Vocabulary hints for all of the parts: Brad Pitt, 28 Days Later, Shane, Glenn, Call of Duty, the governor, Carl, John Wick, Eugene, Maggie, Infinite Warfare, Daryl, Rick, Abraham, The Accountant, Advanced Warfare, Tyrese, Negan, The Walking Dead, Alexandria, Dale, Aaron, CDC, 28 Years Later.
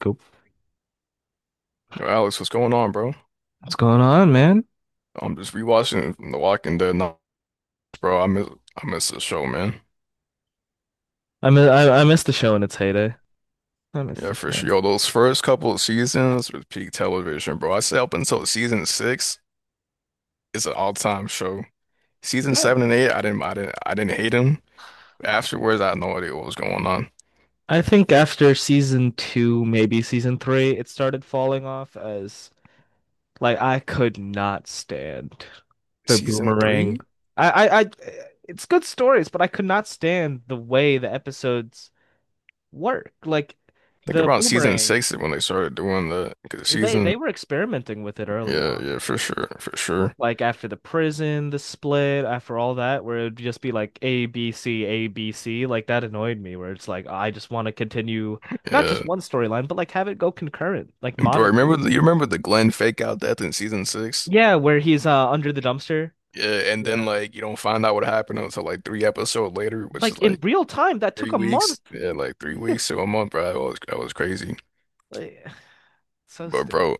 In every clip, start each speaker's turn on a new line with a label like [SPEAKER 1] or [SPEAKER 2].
[SPEAKER 1] Cool.
[SPEAKER 2] Yo, Alex, what's going on, bro?
[SPEAKER 1] What's going on, man?
[SPEAKER 2] I'm just rewatching The Walking Dead now, bro. I miss the show, man.
[SPEAKER 1] I missed the show in its heyday. I missed
[SPEAKER 2] Yeah,
[SPEAKER 1] the
[SPEAKER 2] for sure.
[SPEAKER 1] show.
[SPEAKER 2] Yo, those first couple of seasons was peak television, bro. I say up until season six, it's an all-time show. Season
[SPEAKER 1] Yeah.
[SPEAKER 2] seven and eight, I didn't hate them. Afterwards, I had no idea what was going on.
[SPEAKER 1] I think after season two, maybe season three, it started falling off as like I could not stand the
[SPEAKER 2] Season three?
[SPEAKER 1] boomerang.
[SPEAKER 2] I
[SPEAKER 1] I it's good stories, but I could not stand the way the episodes work. Like
[SPEAKER 2] think
[SPEAKER 1] the
[SPEAKER 2] around season
[SPEAKER 1] boomerang,
[SPEAKER 2] six is when they started doing the 'cause
[SPEAKER 1] they
[SPEAKER 2] season.
[SPEAKER 1] they were experimenting with it early
[SPEAKER 2] Yeah, yeah,
[SPEAKER 1] on.
[SPEAKER 2] for sure, for sure.
[SPEAKER 1] Like after the prison, the split, after all that, where it would just be like A, B, C, A, B, C. Like that annoyed me, where it's like I just want to continue not
[SPEAKER 2] Yeah.
[SPEAKER 1] just one storyline, but like have it go concurrent, like
[SPEAKER 2] Bro,
[SPEAKER 1] modern
[SPEAKER 2] remember
[SPEAKER 1] TV.
[SPEAKER 2] you remember the Glenn fake out death in season six?
[SPEAKER 1] Yeah, where he's under the dumpster.
[SPEAKER 2] Yeah, and then
[SPEAKER 1] Yeah.
[SPEAKER 2] like you don't find out what happened until like three episodes later, which is
[SPEAKER 1] Like in
[SPEAKER 2] like
[SPEAKER 1] real time, that took
[SPEAKER 2] three
[SPEAKER 1] a month.
[SPEAKER 2] weeks. Yeah, like three weeks to a month, bro. That was crazy.
[SPEAKER 1] Like, so
[SPEAKER 2] But
[SPEAKER 1] stupid.
[SPEAKER 2] bro,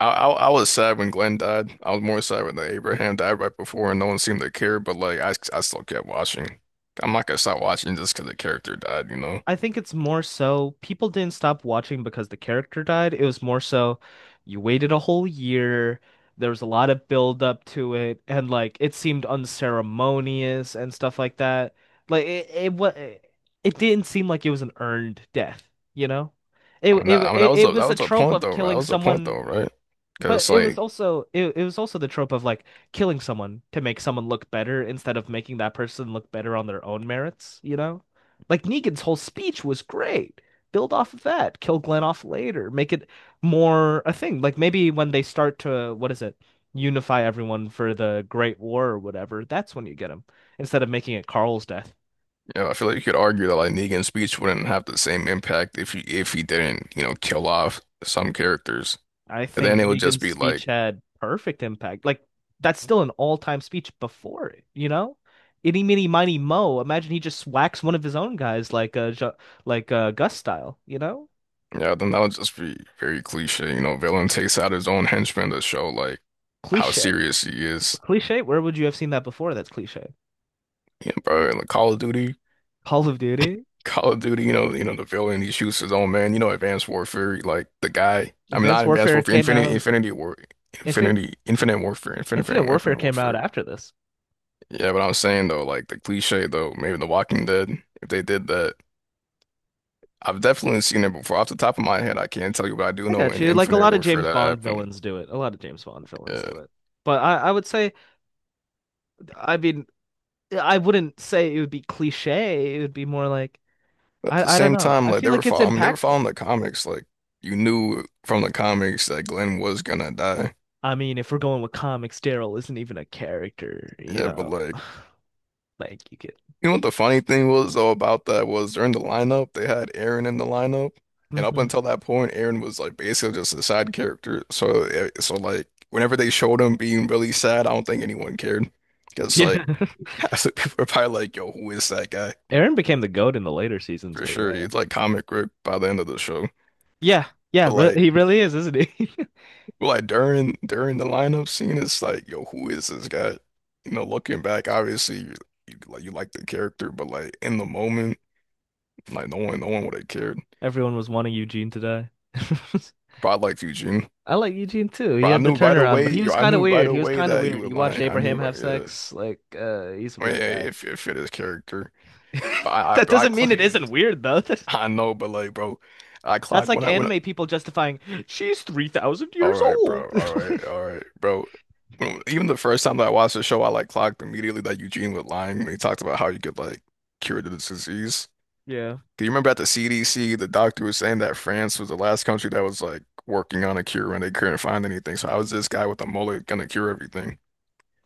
[SPEAKER 2] I was sad when Glenn died. I was more sad when the Abraham died right before, and no one seemed to care. But like I still kept watching. I'm not gonna stop watching just because the character died, you know.
[SPEAKER 1] I think it's more so people didn't stop watching because the character died. It was more so you waited a whole year. There was a lot of build up to it, and like it seemed unceremonious and stuff like that. Like it didn't seem like it was an earned death, you know? It,
[SPEAKER 2] I mean
[SPEAKER 1] it
[SPEAKER 2] that I mean that
[SPEAKER 1] it
[SPEAKER 2] was
[SPEAKER 1] it was a
[SPEAKER 2] a
[SPEAKER 1] trope
[SPEAKER 2] point
[SPEAKER 1] of
[SPEAKER 2] though, right? That
[SPEAKER 1] killing
[SPEAKER 2] was a point
[SPEAKER 1] someone,
[SPEAKER 2] though, right?
[SPEAKER 1] but
[SPEAKER 2] Because
[SPEAKER 1] it was
[SPEAKER 2] like
[SPEAKER 1] also it was also the trope of like killing someone to make someone look better instead of making that person look better on their own merits, you know? Like Negan's whole speech was great. Build off of that, kill Glenn off later, make it more a thing. Like maybe when they start to what is it? Unify everyone for the Great War or whatever, that's when you get him instead of making it Carl's death.
[SPEAKER 2] you know, I feel like you could argue that like Negan's speech wouldn't have the same impact if he didn't kill off some characters.
[SPEAKER 1] I
[SPEAKER 2] And then
[SPEAKER 1] think
[SPEAKER 2] it would just
[SPEAKER 1] Negan's
[SPEAKER 2] be like,
[SPEAKER 1] speech had perfect impact. Like that's still an all-time speech before it, you know? Itty meeny miny mo. Imagine he just whacks one of his own guys like Jo- like Gus style, you know?
[SPEAKER 2] yeah, then that would just be very cliche. You know, villain takes out his own henchman to show like how
[SPEAKER 1] Cliche.
[SPEAKER 2] serious he is.
[SPEAKER 1] Cliche. Where would you have seen that before? That's cliche.
[SPEAKER 2] You know, bro, in the
[SPEAKER 1] Call of Duty.
[SPEAKER 2] Call of Duty, you know, the villain, he shoots his own man. You know, Advanced Warfare, like the guy, I mean,
[SPEAKER 1] Advanced
[SPEAKER 2] not Advanced
[SPEAKER 1] Warfare
[SPEAKER 2] Warfare,
[SPEAKER 1] came
[SPEAKER 2] Infinity,
[SPEAKER 1] out
[SPEAKER 2] Infinity War,
[SPEAKER 1] if it
[SPEAKER 2] Infinity, Infinite Warfare, Infinite,
[SPEAKER 1] Infinite
[SPEAKER 2] Warfare,
[SPEAKER 1] Warfare
[SPEAKER 2] Infinite
[SPEAKER 1] came out
[SPEAKER 2] Warfare.
[SPEAKER 1] after this.
[SPEAKER 2] Yeah, but I'm saying though, like the cliche though, maybe The Walking Dead, if they did that, I've definitely seen it before. Off the top of my head, I can't tell you, but I do
[SPEAKER 1] I
[SPEAKER 2] know
[SPEAKER 1] got
[SPEAKER 2] in
[SPEAKER 1] you. Like a
[SPEAKER 2] Infinite
[SPEAKER 1] lot of
[SPEAKER 2] Warfare
[SPEAKER 1] James
[SPEAKER 2] that
[SPEAKER 1] Bond
[SPEAKER 2] happened.
[SPEAKER 1] villains do it. A lot of James Bond villains
[SPEAKER 2] Yeah.
[SPEAKER 1] do it. But I would say, I mean, I wouldn't say it would be cliche. It would be more like
[SPEAKER 2] But at the
[SPEAKER 1] I don't
[SPEAKER 2] same
[SPEAKER 1] know.
[SPEAKER 2] time,
[SPEAKER 1] I
[SPEAKER 2] like
[SPEAKER 1] feel
[SPEAKER 2] they were
[SPEAKER 1] like it's
[SPEAKER 2] following, I mean, they were
[SPEAKER 1] impactful.
[SPEAKER 2] following the comics. Like you knew from the comics that Glenn was gonna die.
[SPEAKER 1] I mean, if we're going with comics, Daryl isn't even a character, you
[SPEAKER 2] Yeah, but
[SPEAKER 1] know.
[SPEAKER 2] like
[SPEAKER 1] Like you could.
[SPEAKER 2] you know what the funny thing was though about that was during the lineup they had Aaron in the lineup, and up
[SPEAKER 1] Hmm.
[SPEAKER 2] until that point, Aaron was like basically just a side character. So eh, so like whenever they showed him being really sad, I don't think anyone cared because like
[SPEAKER 1] Yeah.
[SPEAKER 2] half the people were probably like, "Yo, who is that guy?"
[SPEAKER 1] Aaron became the goat in the later seasons,
[SPEAKER 2] For
[SPEAKER 1] but
[SPEAKER 2] sure,
[SPEAKER 1] yeah.
[SPEAKER 2] he's like comic grip by the end of the show.
[SPEAKER 1] Yeah. Yeah,
[SPEAKER 2] But
[SPEAKER 1] re
[SPEAKER 2] like.
[SPEAKER 1] he really is, isn't he?
[SPEAKER 2] Like during the lineup scene, it's like, yo, who is this guy? You know, looking back, obviously, you like the character, but like in the moment, like no one would have cared.
[SPEAKER 1] Everyone was wanting Eugene to die.
[SPEAKER 2] But I liked Eugene,
[SPEAKER 1] I like Eugene too. He
[SPEAKER 2] but I
[SPEAKER 1] had the
[SPEAKER 2] knew right
[SPEAKER 1] turnaround, but
[SPEAKER 2] away,
[SPEAKER 1] he
[SPEAKER 2] yo,
[SPEAKER 1] was
[SPEAKER 2] I
[SPEAKER 1] kind of
[SPEAKER 2] knew right
[SPEAKER 1] weird. He was
[SPEAKER 2] away
[SPEAKER 1] kind of
[SPEAKER 2] that he
[SPEAKER 1] weird.
[SPEAKER 2] was
[SPEAKER 1] He watched
[SPEAKER 2] lying. I knew
[SPEAKER 1] Abraham
[SPEAKER 2] right,
[SPEAKER 1] have
[SPEAKER 2] yeah.
[SPEAKER 1] sex. Like, he's a
[SPEAKER 2] I mean,
[SPEAKER 1] weird
[SPEAKER 2] it,
[SPEAKER 1] guy.
[SPEAKER 2] it fit his character. But I,
[SPEAKER 1] That
[SPEAKER 2] I, I
[SPEAKER 1] doesn't mean
[SPEAKER 2] clocked,
[SPEAKER 1] it isn't weird though.
[SPEAKER 2] I know, but like, bro, I
[SPEAKER 1] That's
[SPEAKER 2] clocked
[SPEAKER 1] like
[SPEAKER 2] when I.
[SPEAKER 1] anime people justifying, she's 3,000
[SPEAKER 2] All
[SPEAKER 1] years
[SPEAKER 2] right,
[SPEAKER 1] old.
[SPEAKER 2] bro.
[SPEAKER 1] Like,
[SPEAKER 2] All right, bro. When- Even the first time that I watched the show, I like clocked immediately that Eugene was lying when he talked about how you could like cure the disease.
[SPEAKER 1] yeah.
[SPEAKER 2] Do you remember at the CDC, the doctor was saying that France was the last country that was like working on a cure and they couldn't find anything. So how is this guy with a mullet gonna cure everything?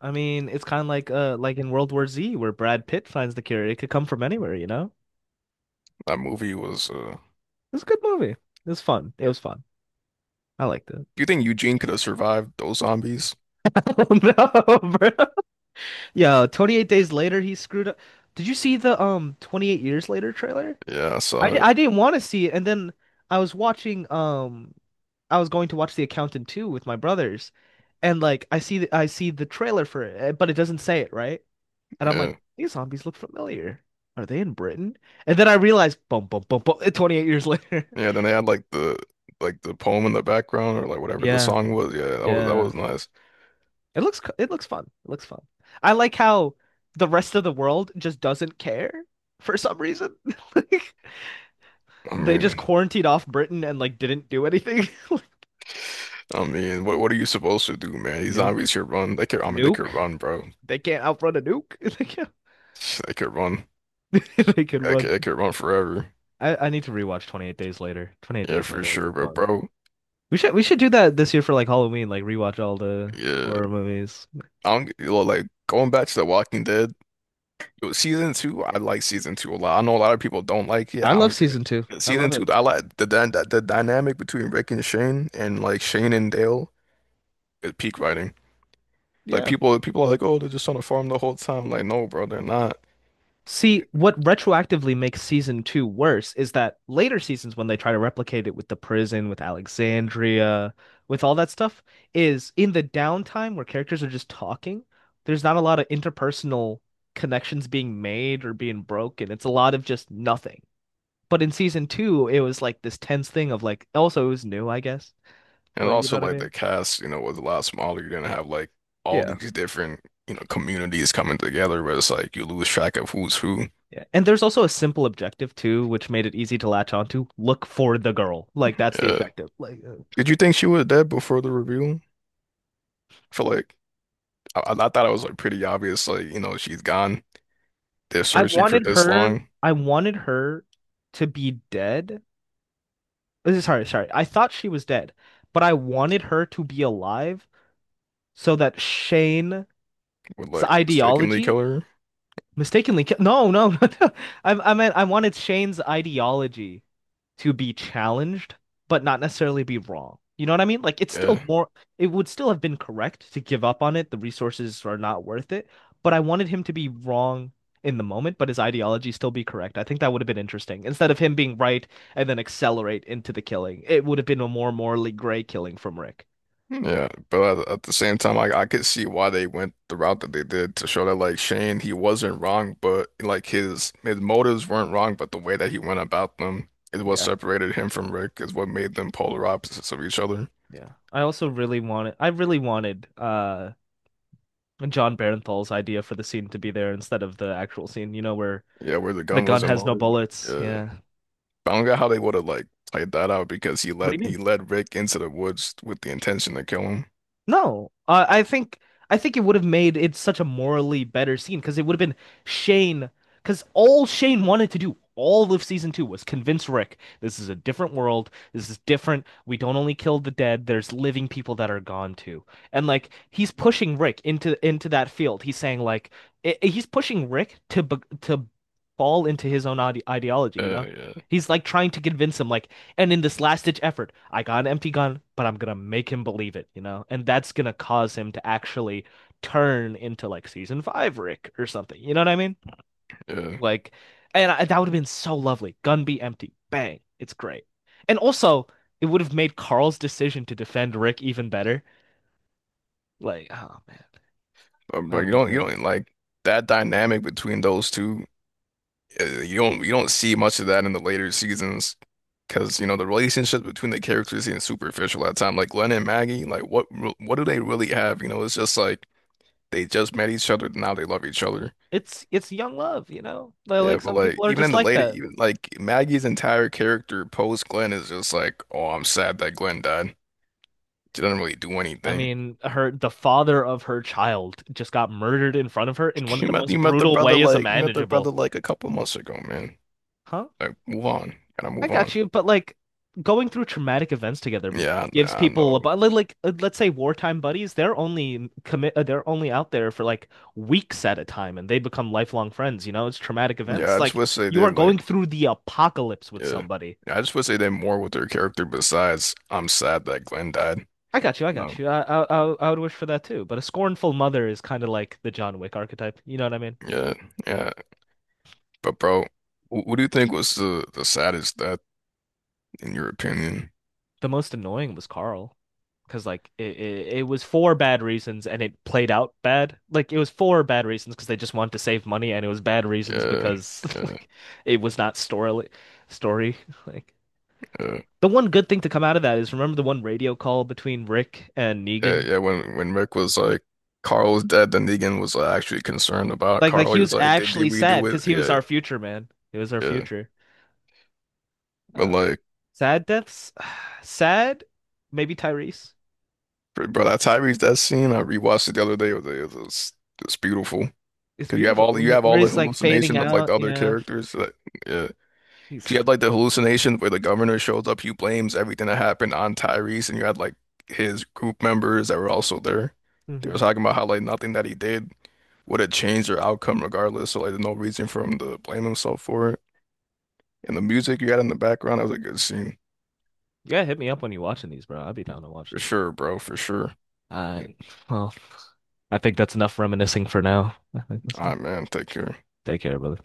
[SPEAKER 1] I mean, it's kind of like in World War Z where Brad Pitt finds the cure. It could come from anywhere, you know?
[SPEAKER 2] That movie was,
[SPEAKER 1] It's a good movie. It was fun. It was fun. I liked it.
[SPEAKER 2] do you think Eugene could have survived those zombies?
[SPEAKER 1] Oh no, bro. Yo, 28 days later he screwed up. Did you see the 28 years later trailer?
[SPEAKER 2] Yeah, I saw it.
[SPEAKER 1] I didn't want to see it, and then I was watching I was going to watch The Accountant 2 with my brothers and like I see the trailer for it, eh, but it doesn't say it, right? And I'm like,
[SPEAKER 2] Yeah.
[SPEAKER 1] these zombies look familiar. Are they in Britain? And then I realized, boom, boom, boom, boom, 28 years later.
[SPEAKER 2] Yeah, then they had like the poem in the background or like whatever the
[SPEAKER 1] Yeah,
[SPEAKER 2] song was. Yeah, that
[SPEAKER 1] yeah.
[SPEAKER 2] was nice.
[SPEAKER 1] It looks co- it looks fun. It looks fun. I like how the rest of the world just doesn't care for some reason. Like
[SPEAKER 2] I
[SPEAKER 1] they just
[SPEAKER 2] mean,
[SPEAKER 1] quarantined off Britain and like didn't do anything. Like,
[SPEAKER 2] I mean, what are you supposed to do, man? These zombies
[SPEAKER 1] nuke.
[SPEAKER 2] could run. They could, I mean, they could
[SPEAKER 1] Nuke.
[SPEAKER 2] run, bro.
[SPEAKER 1] They can't outrun a nuke. They
[SPEAKER 2] They could run.
[SPEAKER 1] can't. They can run.
[SPEAKER 2] They could run forever.
[SPEAKER 1] I need to rewatch 28 Days Later. 28
[SPEAKER 2] Yeah,
[SPEAKER 1] Days
[SPEAKER 2] for
[SPEAKER 1] Later would
[SPEAKER 2] sure.
[SPEAKER 1] be
[SPEAKER 2] But
[SPEAKER 1] fun.
[SPEAKER 2] bro,
[SPEAKER 1] We should do that this year for like Halloween, like rewatch all the
[SPEAKER 2] yeah,
[SPEAKER 1] horror movies.
[SPEAKER 2] I don't get- well, like going back to The Walking Dead yo, season two. I like season two a lot. I know a lot of people don't like it.
[SPEAKER 1] I
[SPEAKER 2] I
[SPEAKER 1] love
[SPEAKER 2] don't get it.
[SPEAKER 1] season two. I
[SPEAKER 2] Season
[SPEAKER 1] love
[SPEAKER 2] two,
[SPEAKER 1] it.
[SPEAKER 2] I like the dy- the dynamic between Rick and Shane and like Shane and Dale is peak writing. Like
[SPEAKER 1] Yeah.
[SPEAKER 2] people, people are like, oh, they're just on a farm the whole time. Like, no, bro, they're not.
[SPEAKER 1] See, what retroactively makes season two worse is that later seasons, when they try to replicate it with the prison, with Alexandria, with all that stuff, is in the downtime where characters are just talking, there's not a lot of interpersonal connections being made or being broken. It's a lot of just nothing. But in season two, it was like this tense thing of like, also, it was new, I guess.
[SPEAKER 2] And
[SPEAKER 1] Like, you know
[SPEAKER 2] also
[SPEAKER 1] what I
[SPEAKER 2] like the
[SPEAKER 1] mean?
[SPEAKER 2] cast, you know, was a lot smaller. You're gonna have like all
[SPEAKER 1] Yeah.
[SPEAKER 2] these different, you know, communities coming together, but it's like you lose track of who's who.
[SPEAKER 1] Yeah. And there's also a simple objective too, which made it easy to latch onto. Look for the girl. Like that's the
[SPEAKER 2] Yeah.
[SPEAKER 1] objective. Like
[SPEAKER 2] Did you think she was dead before the reveal? I feel like I thought it was like pretty obvious, like, you know, she's gone. They're
[SPEAKER 1] I
[SPEAKER 2] searching for
[SPEAKER 1] wanted
[SPEAKER 2] this
[SPEAKER 1] her
[SPEAKER 2] long
[SPEAKER 1] I wanted her to be dead. Sorry, sorry. I thought she was dead, but I wanted her to be alive so that Shane's
[SPEAKER 2] would like mistakenly kill
[SPEAKER 1] ideology
[SPEAKER 2] her.
[SPEAKER 1] mistakenly ki- no, no, no. I meant I wanted Shane's ideology to be challenged, but not necessarily be wrong. You know what I mean? Like it's still
[SPEAKER 2] Yeah.
[SPEAKER 1] more it would still have been correct to give up on it. The resources are not worth it, but I wanted him to be wrong in the moment, but his ideology still be correct. I think that would have been interesting. Instead of him being right and then accelerate into the killing, it would have been a more morally gray killing from Rick.
[SPEAKER 2] Yeah, but at the same time, I could see why they went the route that they did to show that like Shane, he wasn't wrong, but like his motives weren't wrong, but the way that he went about them is what
[SPEAKER 1] Yeah.
[SPEAKER 2] separated him from Rick, is what made them polar opposites of each other.
[SPEAKER 1] Yeah. I really wanted John Barenthal's idea for the scene to be there instead of the actual scene, you know, where
[SPEAKER 2] Yeah, where the
[SPEAKER 1] the
[SPEAKER 2] gun
[SPEAKER 1] gun
[SPEAKER 2] wasn't
[SPEAKER 1] has no
[SPEAKER 2] loaded.
[SPEAKER 1] bullets.
[SPEAKER 2] Yeah,
[SPEAKER 1] Yeah.
[SPEAKER 2] but I don't get how they would have like played that out because he
[SPEAKER 1] What do
[SPEAKER 2] led
[SPEAKER 1] you mean?
[SPEAKER 2] he led Rick into the woods with the intention to kill him.
[SPEAKER 1] No, I think it would have made it such a morally better scene because it would have been Shane, because all Shane wanted to do all of season two was convince Rick this is a different world. This is different. We don't only kill the dead. There's living people that are gone too, and like he's pushing Rick into that field. He's saying like I he's pushing Rick to be- to fall into his own ideology. You know,
[SPEAKER 2] Yeah, yeah,
[SPEAKER 1] he's like trying to convince him like and in this last ditch effort, I got an empty gun, but I'm gonna make him believe it, you know? And that's gonna cause him to actually turn into like season five Rick or something. You know what I mean?
[SPEAKER 2] yeah.
[SPEAKER 1] Like, that would have been so lovely. Gun be empty. Bang. It's great. And also, it would have made Carl's decision to defend Rick even better. Like, oh man, that
[SPEAKER 2] But
[SPEAKER 1] would have
[SPEAKER 2] you
[SPEAKER 1] been
[SPEAKER 2] don't you
[SPEAKER 1] great.
[SPEAKER 2] don't like that dynamic between those two. Uh, you don't see much of that in the later seasons because you know the relationship between the characters seems superficial at time. Like Glenn and Maggie, like what re- what do they really have? You know, it's just like they just met each other, now they love each other.
[SPEAKER 1] It's young love, you know?
[SPEAKER 2] Yeah,
[SPEAKER 1] Like
[SPEAKER 2] but
[SPEAKER 1] some
[SPEAKER 2] like
[SPEAKER 1] people are
[SPEAKER 2] even
[SPEAKER 1] just
[SPEAKER 2] in the
[SPEAKER 1] like
[SPEAKER 2] later,
[SPEAKER 1] that.
[SPEAKER 2] even like Maggie's entire character post Glenn is just like, oh, I'm sad that Glenn died. She doesn't really do
[SPEAKER 1] I
[SPEAKER 2] anything.
[SPEAKER 1] mean, her the father of her child just got murdered in front of her in one of
[SPEAKER 2] You
[SPEAKER 1] the
[SPEAKER 2] met
[SPEAKER 1] most
[SPEAKER 2] you met the
[SPEAKER 1] brutal
[SPEAKER 2] brother
[SPEAKER 1] ways
[SPEAKER 2] like you met the brother
[SPEAKER 1] imaginable.
[SPEAKER 2] like a couple months ago, man.
[SPEAKER 1] Huh?
[SPEAKER 2] Like move on, gotta
[SPEAKER 1] I
[SPEAKER 2] move on.
[SPEAKER 1] got you, but like going through traumatic events together
[SPEAKER 2] Yeah, I,
[SPEAKER 1] gives
[SPEAKER 2] I
[SPEAKER 1] people a
[SPEAKER 2] know.
[SPEAKER 1] like let's say wartime buddies, they're only commit they're only out there for like weeks at a time and they become lifelong friends, you know? It's traumatic
[SPEAKER 2] Yeah,
[SPEAKER 1] events.
[SPEAKER 2] I just
[SPEAKER 1] Like
[SPEAKER 2] wish they
[SPEAKER 1] you
[SPEAKER 2] did
[SPEAKER 1] are
[SPEAKER 2] like.
[SPEAKER 1] going through the apocalypse with
[SPEAKER 2] Yeah.
[SPEAKER 1] somebody.
[SPEAKER 2] Yeah, I just wish they did more with their character besides I'm sad that Glenn died.
[SPEAKER 1] I
[SPEAKER 2] No.
[SPEAKER 1] got you. I would wish for that too, but a scornful mother is kind of like the John Wick archetype. You know what I mean?
[SPEAKER 2] Yeah. Yeah. But bro, wh- what do you think was the saddest death in your opinion?
[SPEAKER 1] The most annoying was Carl because like it was for bad reasons and it played out bad. Like it was for bad reasons because they just wanted to save money and it was bad reasons
[SPEAKER 2] Yeah.
[SPEAKER 1] because
[SPEAKER 2] Yeah.
[SPEAKER 1] like it was not story like
[SPEAKER 2] Yeah.
[SPEAKER 1] the one good thing to come out of that is remember the one radio call between Rick and
[SPEAKER 2] Yeah.
[SPEAKER 1] Negan?
[SPEAKER 2] Yeah. When Rick was like Carl was dead, then Negan was like, actually concerned about
[SPEAKER 1] Like
[SPEAKER 2] Carl.
[SPEAKER 1] he
[SPEAKER 2] He
[SPEAKER 1] was
[SPEAKER 2] was like,
[SPEAKER 1] actually
[SPEAKER 2] did we
[SPEAKER 1] sad
[SPEAKER 2] do it?
[SPEAKER 1] because he was
[SPEAKER 2] Yeah.
[SPEAKER 1] our future man. He was our
[SPEAKER 2] Yeah.
[SPEAKER 1] future.
[SPEAKER 2] But
[SPEAKER 1] Uh,
[SPEAKER 2] like
[SPEAKER 1] sad deaths, sad. Maybe Tyrese.
[SPEAKER 2] bro, bro, that Tyrese that scene, I rewatched it the other day. It's beautiful.
[SPEAKER 1] It's
[SPEAKER 2] Cause you have all the, you
[SPEAKER 1] beautiful
[SPEAKER 2] have
[SPEAKER 1] where
[SPEAKER 2] all the
[SPEAKER 1] he's like fading
[SPEAKER 2] hallucinations of like
[SPEAKER 1] out.
[SPEAKER 2] the other
[SPEAKER 1] Yeah,
[SPEAKER 2] characters. Like, yeah.
[SPEAKER 1] he's.
[SPEAKER 2] You had like the hallucination where the governor shows up, he blames everything that happened on Tyrese, and you had like his group members that were also there. They were
[SPEAKER 1] Mhm.
[SPEAKER 2] talking about how like nothing that he did would have changed their outcome regardless, so like there's no reason for him to blame himself for it. And the music you had in the background, that was a good scene.
[SPEAKER 1] Yeah, hit me up when you're watching these, bro. I'd be down to watch
[SPEAKER 2] For
[SPEAKER 1] them.
[SPEAKER 2] sure, bro, for sure.
[SPEAKER 1] All right. Well, I think that's enough reminiscing for now. I think that's
[SPEAKER 2] All
[SPEAKER 1] enough.
[SPEAKER 2] right, man, take care.
[SPEAKER 1] Take care, brother.